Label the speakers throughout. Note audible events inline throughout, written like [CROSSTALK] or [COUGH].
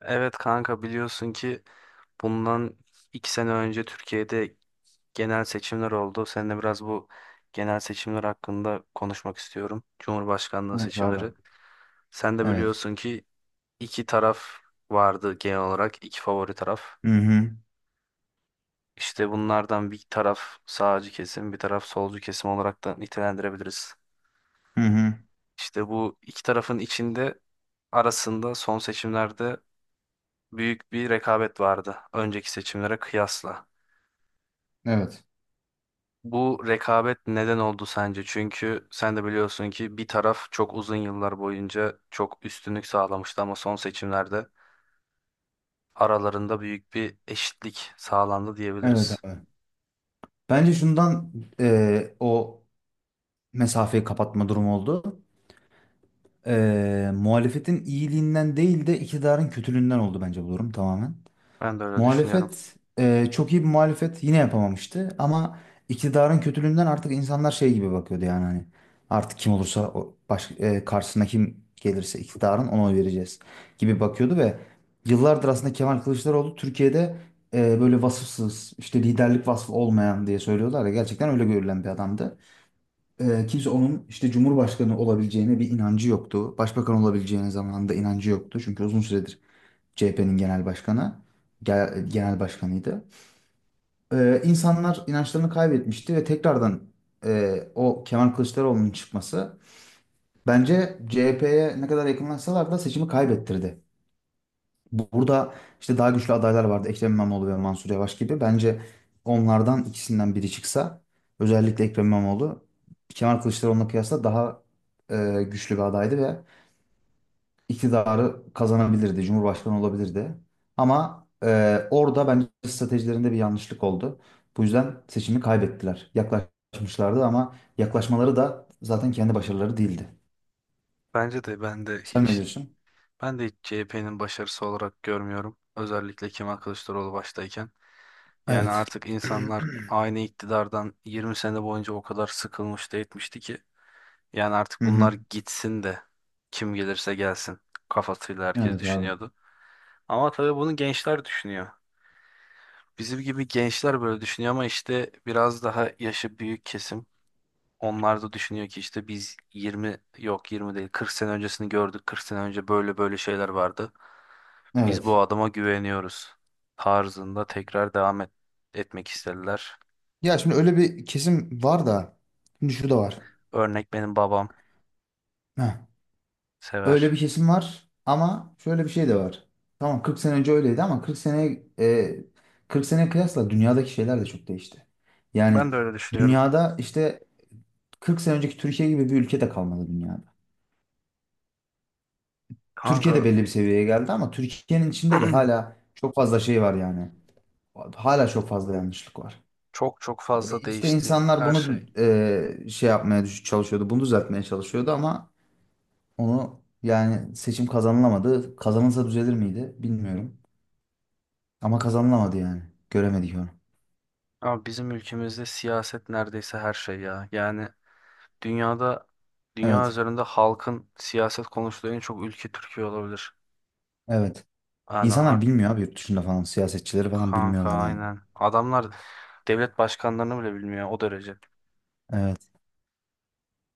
Speaker 1: Evet kanka, biliyorsun ki bundan iki sene önce Türkiye'de genel seçimler oldu. Seninle biraz bu genel seçimler hakkında konuşmak istiyorum. Cumhurbaşkanlığı
Speaker 2: Evet abi.
Speaker 1: seçimleri. Sen de
Speaker 2: Evet.
Speaker 1: biliyorsun ki iki taraf vardı genel olarak. İki favori taraf.
Speaker 2: Hı hı.
Speaker 1: İşte bunlardan bir taraf sağcı kesim, bir taraf solcu kesim olarak da nitelendirebiliriz.
Speaker 2: Hı hı.
Speaker 1: İşte bu iki tarafın arasında son seçimlerde büyük bir rekabet vardı. Önceki seçimlere kıyasla.
Speaker 2: Evet.
Speaker 1: Bu rekabet neden oldu sence? Çünkü sen de biliyorsun ki bir taraf çok uzun yıllar boyunca çok üstünlük sağlamıştı ama son seçimlerde aralarında büyük bir eşitlik sağlandı
Speaker 2: Evet
Speaker 1: diyebiliriz.
Speaker 2: abi. Bence şundan o mesafeyi kapatma durumu oldu. Muhalefetin iyiliğinden değil de iktidarın kötülüğünden oldu bence bu durum tamamen.
Speaker 1: Ben de öyle düşünüyorum.
Speaker 2: Muhalefet çok iyi bir muhalefet yine yapamamıştı ama iktidarın kötülüğünden artık insanlar şey gibi bakıyordu yani hani artık kim olursa karşısına kim gelirse iktidarın ona oy vereceğiz gibi bakıyordu ve yıllardır aslında Kemal Kılıçdaroğlu Türkiye'de böyle vasıfsız işte liderlik vasfı olmayan diye söylüyorlar ya gerçekten öyle görülen bir adamdı. Kimse onun işte Cumhurbaşkanı olabileceğine bir inancı yoktu. Başbakan olabileceğine zamanında inancı yoktu çünkü uzun süredir CHP'nin genel başkanıydı. İnsanlar inançlarını kaybetmişti ve tekrardan o Kemal Kılıçdaroğlu'nun çıkması bence CHP'ye ne kadar yakınlaşsalar da seçimi kaybettirdi. Burada işte daha güçlü adaylar vardı. Ekrem İmamoğlu ve Mansur Yavaş gibi. Bence onlardan ikisinden biri çıksa özellikle Ekrem İmamoğlu Kemal Kılıçdaroğlu'na kıyasla daha güçlü bir adaydı ve iktidarı kazanabilirdi, cumhurbaşkanı olabilirdi. Ama orada bence stratejilerinde bir yanlışlık oldu. Bu yüzden seçimi kaybettiler. Yaklaşmışlardı ama yaklaşmaları da zaten kendi başarıları değildi.
Speaker 1: Bence de ben de
Speaker 2: Sen ne
Speaker 1: hiç
Speaker 2: diyorsun?
Speaker 1: ben de hiç CHP'nin başarısı olarak görmüyorum. Özellikle Kemal Kılıçdaroğlu baştayken. Yani
Speaker 2: Evet.
Speaker 1: artık
Speaker 2: [CLEARS THROAT]
Speaker 1: insanlar aynı iktidardan 20 sene boyunca o kadar sıkılmış da etmişti ki. Yani
Speaker 2: Hı
Speaker 1: artık bunlar
Speaker 2: hı.
Speaker 1: gitsin de, kim gelirse gelsin kafasıyla herkes
Speaker 2: Evet abi.
Speaker 1: düşünüyordu. Ama tabii bunu gençler düşünüyor. Bizim gibi gençler böyle düşünüyor ama işte biraz daha yaşı büyük kesim. Onlar da düşünüyor ki işte biz 20, yok 20 değil 40 sene öncesini gördük. 40 sene önce böyle böyle şeyler vardı. Biz
Speaker 2: Evet.
Speaker 1: bu adama güveniyoruz tarzında tekrar devam etmek istediler.
Speaker 2: Ya şimdi öyle bir kesim var da şimdi şu da var.
Speaker 1: Örnek benim babam
Speaker 2: Heh.
Speaker 1: sever.
Speaker 2: Öyle bir kesim var ama şöyle bir şey de var. Tamam, 40 sene önce öyleydi ama 40 sene kıyasla dünyadaki şeyler de çok değişti. Yani
Speaker 1: Ben de öyle düşünüyorum.
Speaker 2: dünyada işte 40 sene önceki Türkiye gibi bir ülke de kalmadı dünyada. Türkiye de
Speaker 1: Kanka.
Speaker 2: belli bir seviyeye geldi ama Türkiye'nin içinde de
Speaker 1: [CLEARS THROAT]
Speaker 2: hala çok fazla şey var yani. Hala çok fazla yanlışlık var.
Speaker 1: Çok çok fazla
Speaker 2: İşte
Speaker 1: değişti
Speaker 2: insanlar
Speaker 1: her
Speaker 2: bunu
Speaker 1: şey.
Speaker 2: şey yapmaya çalışıyordu, bunu düzeltmeye çalışıyordu ama onu yani seçim kazanılamadı. Kazanılsa düzelir miydi bilmiyorum. Ama kazanılamadı yani. Göremedik onu.
Speaker 1: Ama bizim ülkemizde siyaset neredeyse her şey ya. Yani dünyada, dünya
Speaker 2: Evet.
Speaker 1: üzerinde halkın siyaset konuştuğu en çok ülke Türkiye olabilir.
Speaker 2: Evet.
Speaker 1: Yani
Speaker 2: İnsanlar bilmiyor abi yurt dışında falan. Siyasetçileri falan
Speaker 1: kanka,
Speaker 2: bilmiyorlar yani.
Speaker 1: aynen. Adamlar devlet başkanlarını bile bilmiyor, o derece.
Speaker 2: Evet.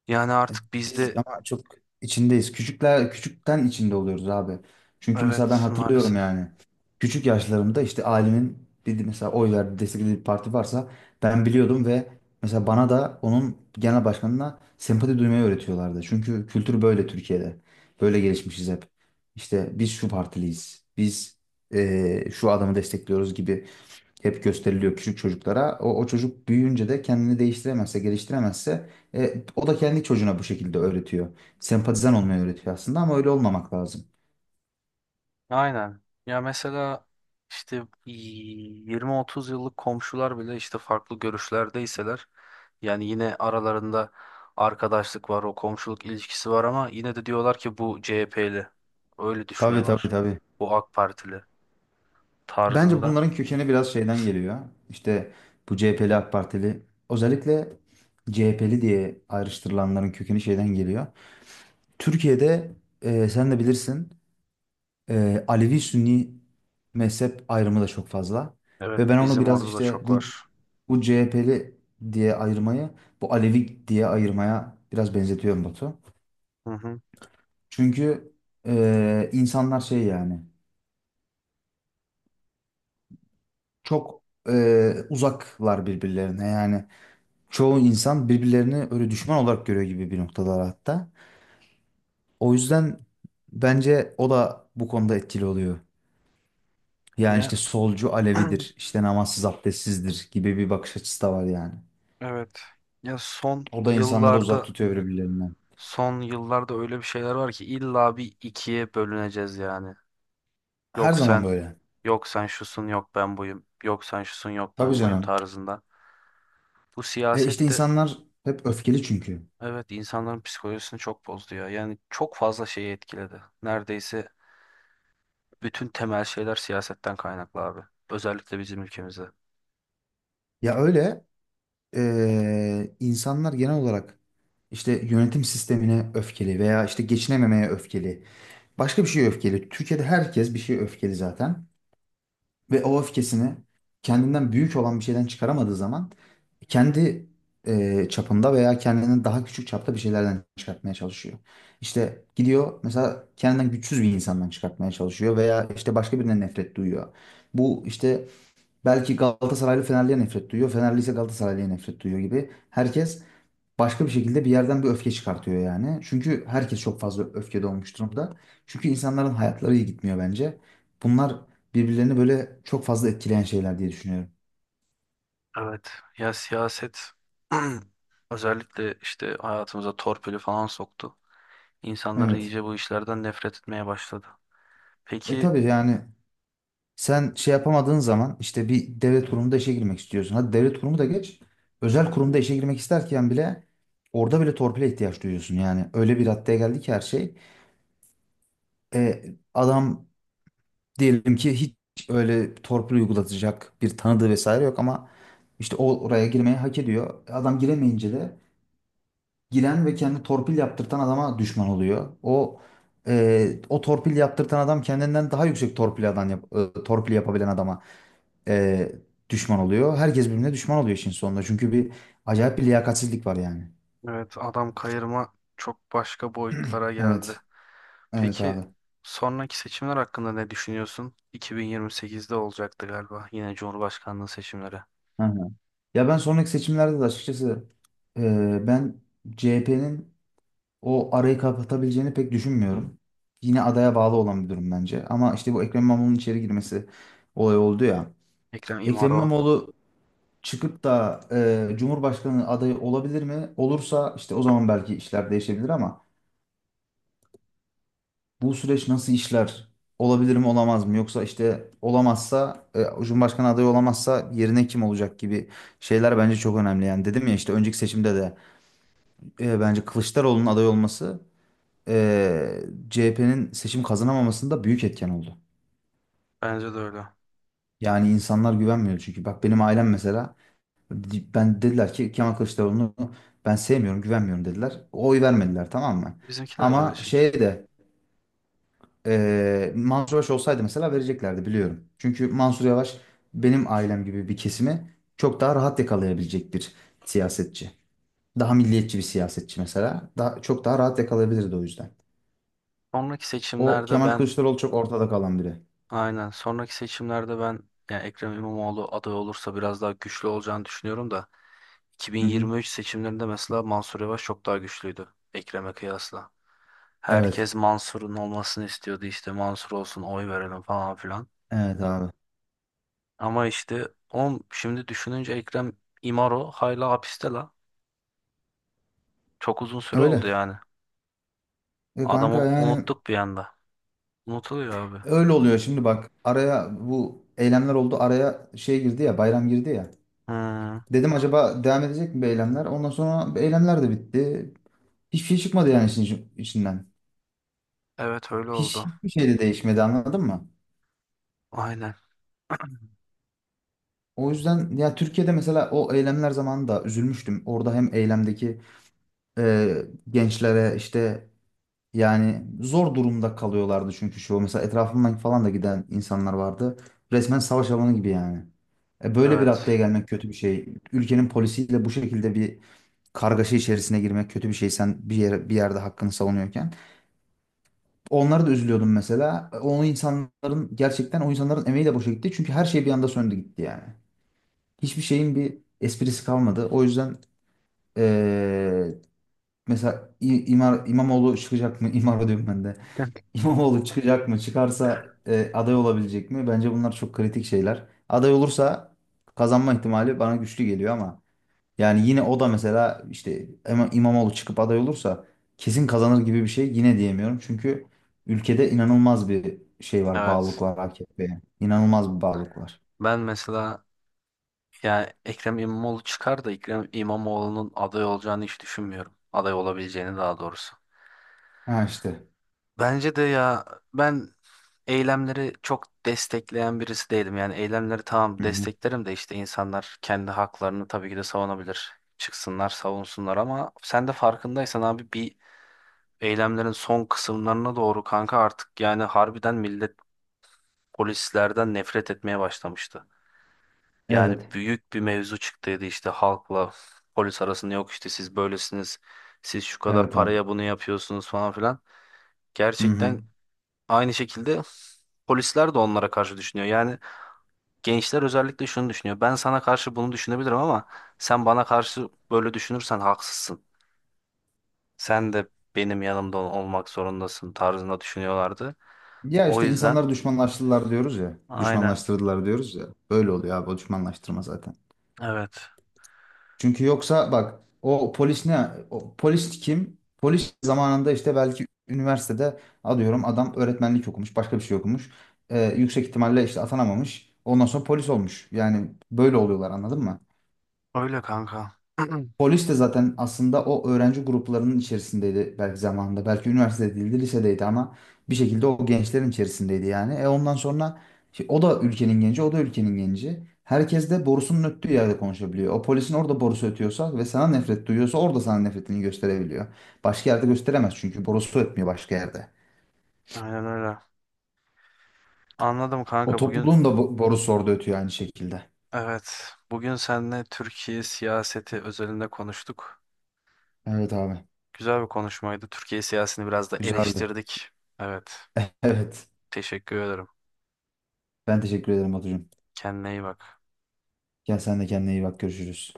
Speaker 1: Yani
Speaker 2: E,
Speaker 1: artık
Speaker 2: Biz
Speaker 1: bizde,
Speaker 2: ama çok içindeyiz. Küçükler küçükten içinde oluyoruz abi. Çünkü mesela ben
Speaker 1: evet,
Speaker 2: hatırlıyorum
Speaker 1: maalesef.
Speaker 2: yani. Küçük yaşlarımda işte ailemin bir mesela oy verdiği desteklediği bir parti varsa ben biliyordum ve mesela bana da onun genel başkanına sempati duymayı öğretiyorlardı. Çünkü kültür böyle Türkiye'de. Böyle gelişmişiz hep. İşte biz şu partiliyiz. Biz şu adamı destekliyoruz gibi hep gösteriliyor küçük çocuklara. O çocuk büyüyünce de kendini değiştiremezse, geliştiremezse o da kendi çocuğuna bu şekilde öğretiyor. Sempatizan olmayı öğretiyor aslında ama öyle olmamak lazım.
Speaker 1: Aynen. Ya mesela işte 20-30 yıllık komşular bile işte farklı görüşlerdeyseler, yani yine aralarında arkadaşlık var, o komşuluk ilişkisi var ama yine de diyorlar ki bu CHP'li. Öyle
Speaker 2: Tabii tabii
Speaker 1: düşünüyorlar.
Speaker 2: tabii.
Speaker 1: Bu AK Partili
Speaker 2: Bence
Speaker 1: tarzında.
Speaker 2: bunların kökeni biraz şeyden geliyor. İşte bu CHP'li AK Partili özellikle CHP'li diye ayrıştırılanların kökeni şeyden geliyor. Türkiye'de sen de bilirsin Alevi-Sünni mezhep ayrımı da çok fazla.
Speaker 1: Evet,
Speaker 2: Ve ben onu
Speaker 1: bizim
Speaker 2: biraz
Speaker 1: orada da
Speaker 2: işte
Speaker 1: çok
Speaker 2: bu
Speaker 1: var.
Speaker 2: bu CHP'li diye ayırmayı, bu Alevi diye ayırmaya biraz benzetiyorum, Batu.
Speaker 1: Hı hı.
Speaker 2: Çünkü insanlar şey yani çok uzaklar birbirlerine yani. Çoğu insan birbirlerini öyle düşman olarak görüyor gibi bir noktalar hatta. O yüzden bence o da bu konuda etkili oluyor. Yani
Speaker 1: Ya,
Speaker 2: işte solcu Alevidir,
Speaker 1: [CLEARS THROAT]
Speaker 2: işte namazsız abdestsizdir gibi bir bakış açısı da var yani.
Speaker 1: evet. Ya son
Speaker 2: O da insanları uzak
Speaker 1: yıllarda
Speaker 2: tutuyor birbirlerinden.
Speaker 1: son yıllarda öyle bir şeyler var ki illa bir ikiye bölüneceğiz yani.
Speaker 2: Her
Speaker 1: Yok
Speaker 2: zaman
Speaker 1: sen
Speaker 2: böyle.
Speaker 1: yok sen şusun, yok ben buyum. Yok sen şusun, yok
Speaker 2: Tabii
Speaker 1: ben buyum
Speaker 2: canım.
Speaker 1: tarzında. Bu
Speaker 2: İşte
Speaker 1: siyaset de,
Speaker 2: insanlar hep öfkeli çünkü.
Speaker 1: evet, insanların psikolojisini çok bozdu ya. Yani çok fazla şeyi etkiledi. Neredeyse bütün temel şeyler siyasetten kaynaklı abi. Özellikle bizim ülkemizde.
Speaker 2: Ya öyle insanlar genel olarak işte yönetim sistemine öfkeli veya işte geçinememeye öfkeli. Başka bir şeye öfkeli. Türkiye'de herkes bir şeye öfkeli zaten. Ve o öfkesini kendinden büyük olan bir şeyden çıkaramadığı zaman kendi çapında veya kendinden daha küçük çapta bir şeylerden çıkartmaya çalışıyor. İşte gidiyor mesela kendinden güçsüz bir insandan çıkartmaya çalışıyor veya işte başka birine nefret duyuyor. Bu işte belki Galatasaraylı Fenerli'ye nefret duyuyor, Fenerli ise Galatasaraylı'ya nefret duyuyor gibi. Herkes başka bir şekilde bir yerden bir öfke çıkartıyor yani. Çünkü herkes çok fazla öfkede olmuş durumda. Çünkü insanların hayatları iyi gitmiyor bence. Bunlar birbirlerini böyle çok fazla etkileyen şeyler diye düşünüyorum.
Speaker 1: Evet, ya siyaset [CLEARS THROAT] özellikle işte hayatımıza torpili falan soktu. İnsanları
Speaker 2: Evet.
Speaker 1: iyice bu işlerden nefret etmeye başladı. Peki,
Speaker 2: Tabii yani sen şey yapamadığın zaman işte bir devlet kurumunda işe girmek istiyorsun. Hadi devlet kurumu da geç. Özel kurumda işe girmek isterken bile orada bile torpile ihtiyaç duyuyorsun. Yani öyle bir raddeye geldi ki her şey. E, adam Diyelim ki hiç öyle torpil uygulatacak bir tanıdığı vesaire yok ama işte o oraya girmeyi hak ediyor. Adam giremeyince de giren ve kendi torpil yaptırtan adama düşman oluyor. O torpil yaptırtan adam kendinden daha yüksek torpil yapabilen adama e, düşman oluyor. Herkes birbirine düşman oluyor işin sonunda. Çünkü bir acayip bir liyakatsizlik var yani.
Speaker 1: evet, adam kayırma çok başka boyutlara geldi.
Speaker 2: Evet. Evet
Speaker 1: Peki,
Speaker 2: abi.
Speaker 1: sonraki seçimler hakkında ne düşünüyorsun? 2028'de olacaktı galiba yine Cumhurbaşkanlığı seçimleri.
Speaker 2: Hı hı. Ya ben sonraki seçimlerde de açıkçası ben CHP'nin o arayı kapatabileceğini pek düşünmüyorum. Yine adaya bağlı olan bir durum bence. Ama işte bu Ekrem İmamoğlu'nun içeri girmesi olay oldu ya.
Speaker 1: Ekrem
Speaker 2: Ekrem
Speaker 1: İmamoğlu.
Speaker 2: İmamoğlu çıkıp da Cumhurbaşkanı adayı olabilir mi? Olursa işte o zaman belki işler değişebilir ama bu süreç nasıl işler? Olabilir mi olamaz mı? Yoksa işte olamazsa Cumhurbaşkanı adayı olamazsa yerine kim olacak gibi şeyler bence çok önemli. Yani dedim ya işte önceki seçimde de bence Kılıçdaroğlu'nun aday olması eee CHP'nin seçim kazanamamasında büyük etken oldu.
Speaker 1: Bence de öyle.
Speaker 2: Yani insanlar güvenmiyor çünkü. Bak benim ailem mesela ben dediler ki Kemal Kılıçdaroğlu'nu ben sevmiyorum, güvenmiyorum dediler. Oy vermediler, tamam mı?
Speaker 1: Bizimkiler de öyle
Speaker 2: Ama
Speaker 1: şekil.
Speaker 2: şey de Mansur Yavaş olsaydı mesela vereceklerdi biliyorum. Çünkü Mansur Yavaş benim ailem gibi bir kesimi çok daha rahat yakalayabilecek bir siyasetçi. Daha milliyetçi bir siyasetçi mesela. Daha, çok daha rahat yakalayabilirdi o yüzden.
Speaker 1: Sonraki
Speaker 2: O
Speaker 1: seçimlerde
Speaker 2: Kemal
Speaker 1: ben
Speaker 2: Kılıçdaroğlu çok ortada kalan biri.
Speaker 1: aynen sonraki seçimlerde ben, yani Ekrem İmamoğlu aday olursa biraz daha güçlü olacağını düşünüyorum da,
Speaker 2: Hı hı.
Speaker 1: 2023 seçimlerinde mesela Mansur Yavaş çok daha güçlüydü Ekrem'e kıyasla.
Speaker 2: Evet.
Speaker 1: Herkes Mansur'un olmasını istiyordu, işte Mansur olsun oy verelim falan filan.
Speaker 2: Evet abi.
Speaker 1: Ama işte şimdi düşününce Ekrem İmaro hala hapiste la. Çok uzun süre oldu
Speaker 2: Öyle.
Speaker 1: yani.
Speaker 2: Kanka
Speaker 1: Adamı
Speaker 2: yani
Speaker 1: unuttuk bir anda. Unutuluyor abi.
Speaker 2: öyle oluyor şimdi bak. Araya bu eylemler oldu. Araya şey girdi ya, bayram girdi ya.
Speaker 1: Hmm,
Speaker 2: Dedim acaba devam edecek mi bu eylemler? Ondan sonra eylemler de bitti. Hiçbir şey çıkmadı yani işin içinden.
Speaker 1: evet, öyle
Speaker 2: Hiç,
Speaker 1: oldu.
Speaker 2: hiçbir şey de değişmedi, anladın mı?
Speaker 1: Aynen.
Speaker 2: O yüzden ya Türkiye'de mesela o eylemler zamanında üzülmüştüm. Orada hem eylemdeki e, gençlere işte yani zor durumda kalıyorlardı çünkü şu mesela etrafımdan falan da giden insanlar vardı. Resmen savaş alanı gibi yani. Böyle bir
Speaker 1: Evet.
Speaker 2: raddeye gelmek kötü bir şey. Ülkenin polisiyle bu şekilde bir kargaşa içerisine girmek kötü bir şey. Sen bir yerde hakkını savunuyorken. Onlara da üzülüyordum mesela. O insanların gerçekten o insanların emeği de boşa gitti. Çünkü her şey bir anda söndü gitti yani. Hiçbir şeyin bir esprisi kalmadı. O yüzden e, mesela İmamoğlu çıkacak mı? [LAUGHS] İmar diyorum ben de. İmamoğlu çıkacak mı? Çıkarsa aday olabilecek mi? Bence bunlar çok kritik şeyler. Aday olursa kazanma ihtimali bana güçlü geliyor ama yani yine o da mesela işte İmamoğlu çıkıp aday olursa kesin kazanır gibi bir şey yine diyemiyorum. Çünkü ülkede inanılmaz bir şey var, bağlılık
Speaker 1: Evet.
Speaker 2: var AKP'ye. İnanılmaz bir bağlılık var.
Speaker 1: Ben mesela, yani Ekrem İmamoğlu çıkar da Ekrem İmamoğlu'nun aday olacağını hiç düşünmüyorum. Aday olabileceğini daha doğrusu.
Speaker 2: Ha işte.
Speaker 1: Bence de ya, ben eylemleri çok destekleyen birisi değilim. Yani eylemleri tamam
Speaker 2: Hı hı.
Speaker 1: desteklerim de, işte insanlar kendi haklarını tabii ki de savunabilir. Çıksınlar, savunsunlar ama sen de farkındaysan abi, bir eylemlerin son kısımlarına doğru kanka artık yani harbiden millet polislerden nefret etmeye başlamıştı. Yani
Speaker 2: Evet.
Speaker 1: büyük bir mevzu çıktıydı işte halkla polis arasında, yok işte siz böylesiniz, siz şu kadar
Speaker 2: Evet abi.
Speaker 1: paraya bunu yapıyorsunuz falan filan.
Speaker 2: Hı
Speaker 1: Gerçekten.
Speaker 2: hı.
Speaker 1: Aynı şekilde polisler de onlara karşı düşünüyor. Yani gençler özellikle şunu düşünüyor. Ben sana karşı bunu düşünebilirim ama sen bana karşı böyle düşünürsen haksızsın. Sen de benim yanımda olmak zorundasın tarzında düşünüyorlardı.
Speaker 2: Ya
Speaker 1: O
Speaker 2: işte
Speaker 1: yüzden,
Speaker 2: insanları düşmanlaştırdılar diyoruz ya.
Speaker 1: aynen,
Speaker 2: Düşmanlaştırdılar diyoruz ya. Böyle oluyor abi, o düşmanlaştırma zaten.
Speaker 1: evet.
Speaker 2: Çünkü yoksa bak, o polis ne? O polis kim? Polis zamanında işte belki üniversitede alıyorum, adam öğretmenlik okumuş, başka bir şey okumuş. Yüksek ihtimalle işte atanamamış. Ondan sonra polis olmuş. Yani böyle oluyorlar, anladın mı?
Speaker 1: Öyle kanka. [CLEARS THROAT]
Speaker 2: Polis de zaten aslında o öğrenci gruplarının içerisindeydi belki zamanında. Belki üniversitede değildi, lisedeydi ama bir şekilde o gençlerin içerisindeydi yani. Ondan sonra o da ülkenin genci, o da ülkenin genci. Herkes de borusunun öttüğü yerde konuşabiliyor. O polisin orada borusu ötüyorsa ve sana nefret duyuyorsa orada sana nefretini gösterebiliyor. Başka yerde gösteremez çünkü borusu ötmüyor başka yerde.
Speaker 1: Aynen öyle. Anladım
Speaker 2: O
Speaker 1: kanka. Bugün,
Speaker 2: topluluğun da borusu orada ötüyor aynı şekilde.
Speaker 1: evet, bugün seninle Türkiye siyaseti özelinde konuştuk.
Speaker 2: Evet abi,
Speaker 1: Güzel bir konuşmaydı. Türkiye siyasetini biraz da
Speaker 2: güzeldi.
Speaker 1: eleştirdik. Evet.
Speaker 2: Evet,
Speaker 1: Teşekkür ederim.
Speaker 2: ben teşekkür ederim, Batucuğum.
Speaker 1: Kendine iyi bak.
Speaker 2: Gel sen de kendine iyi bak, görüşürüz.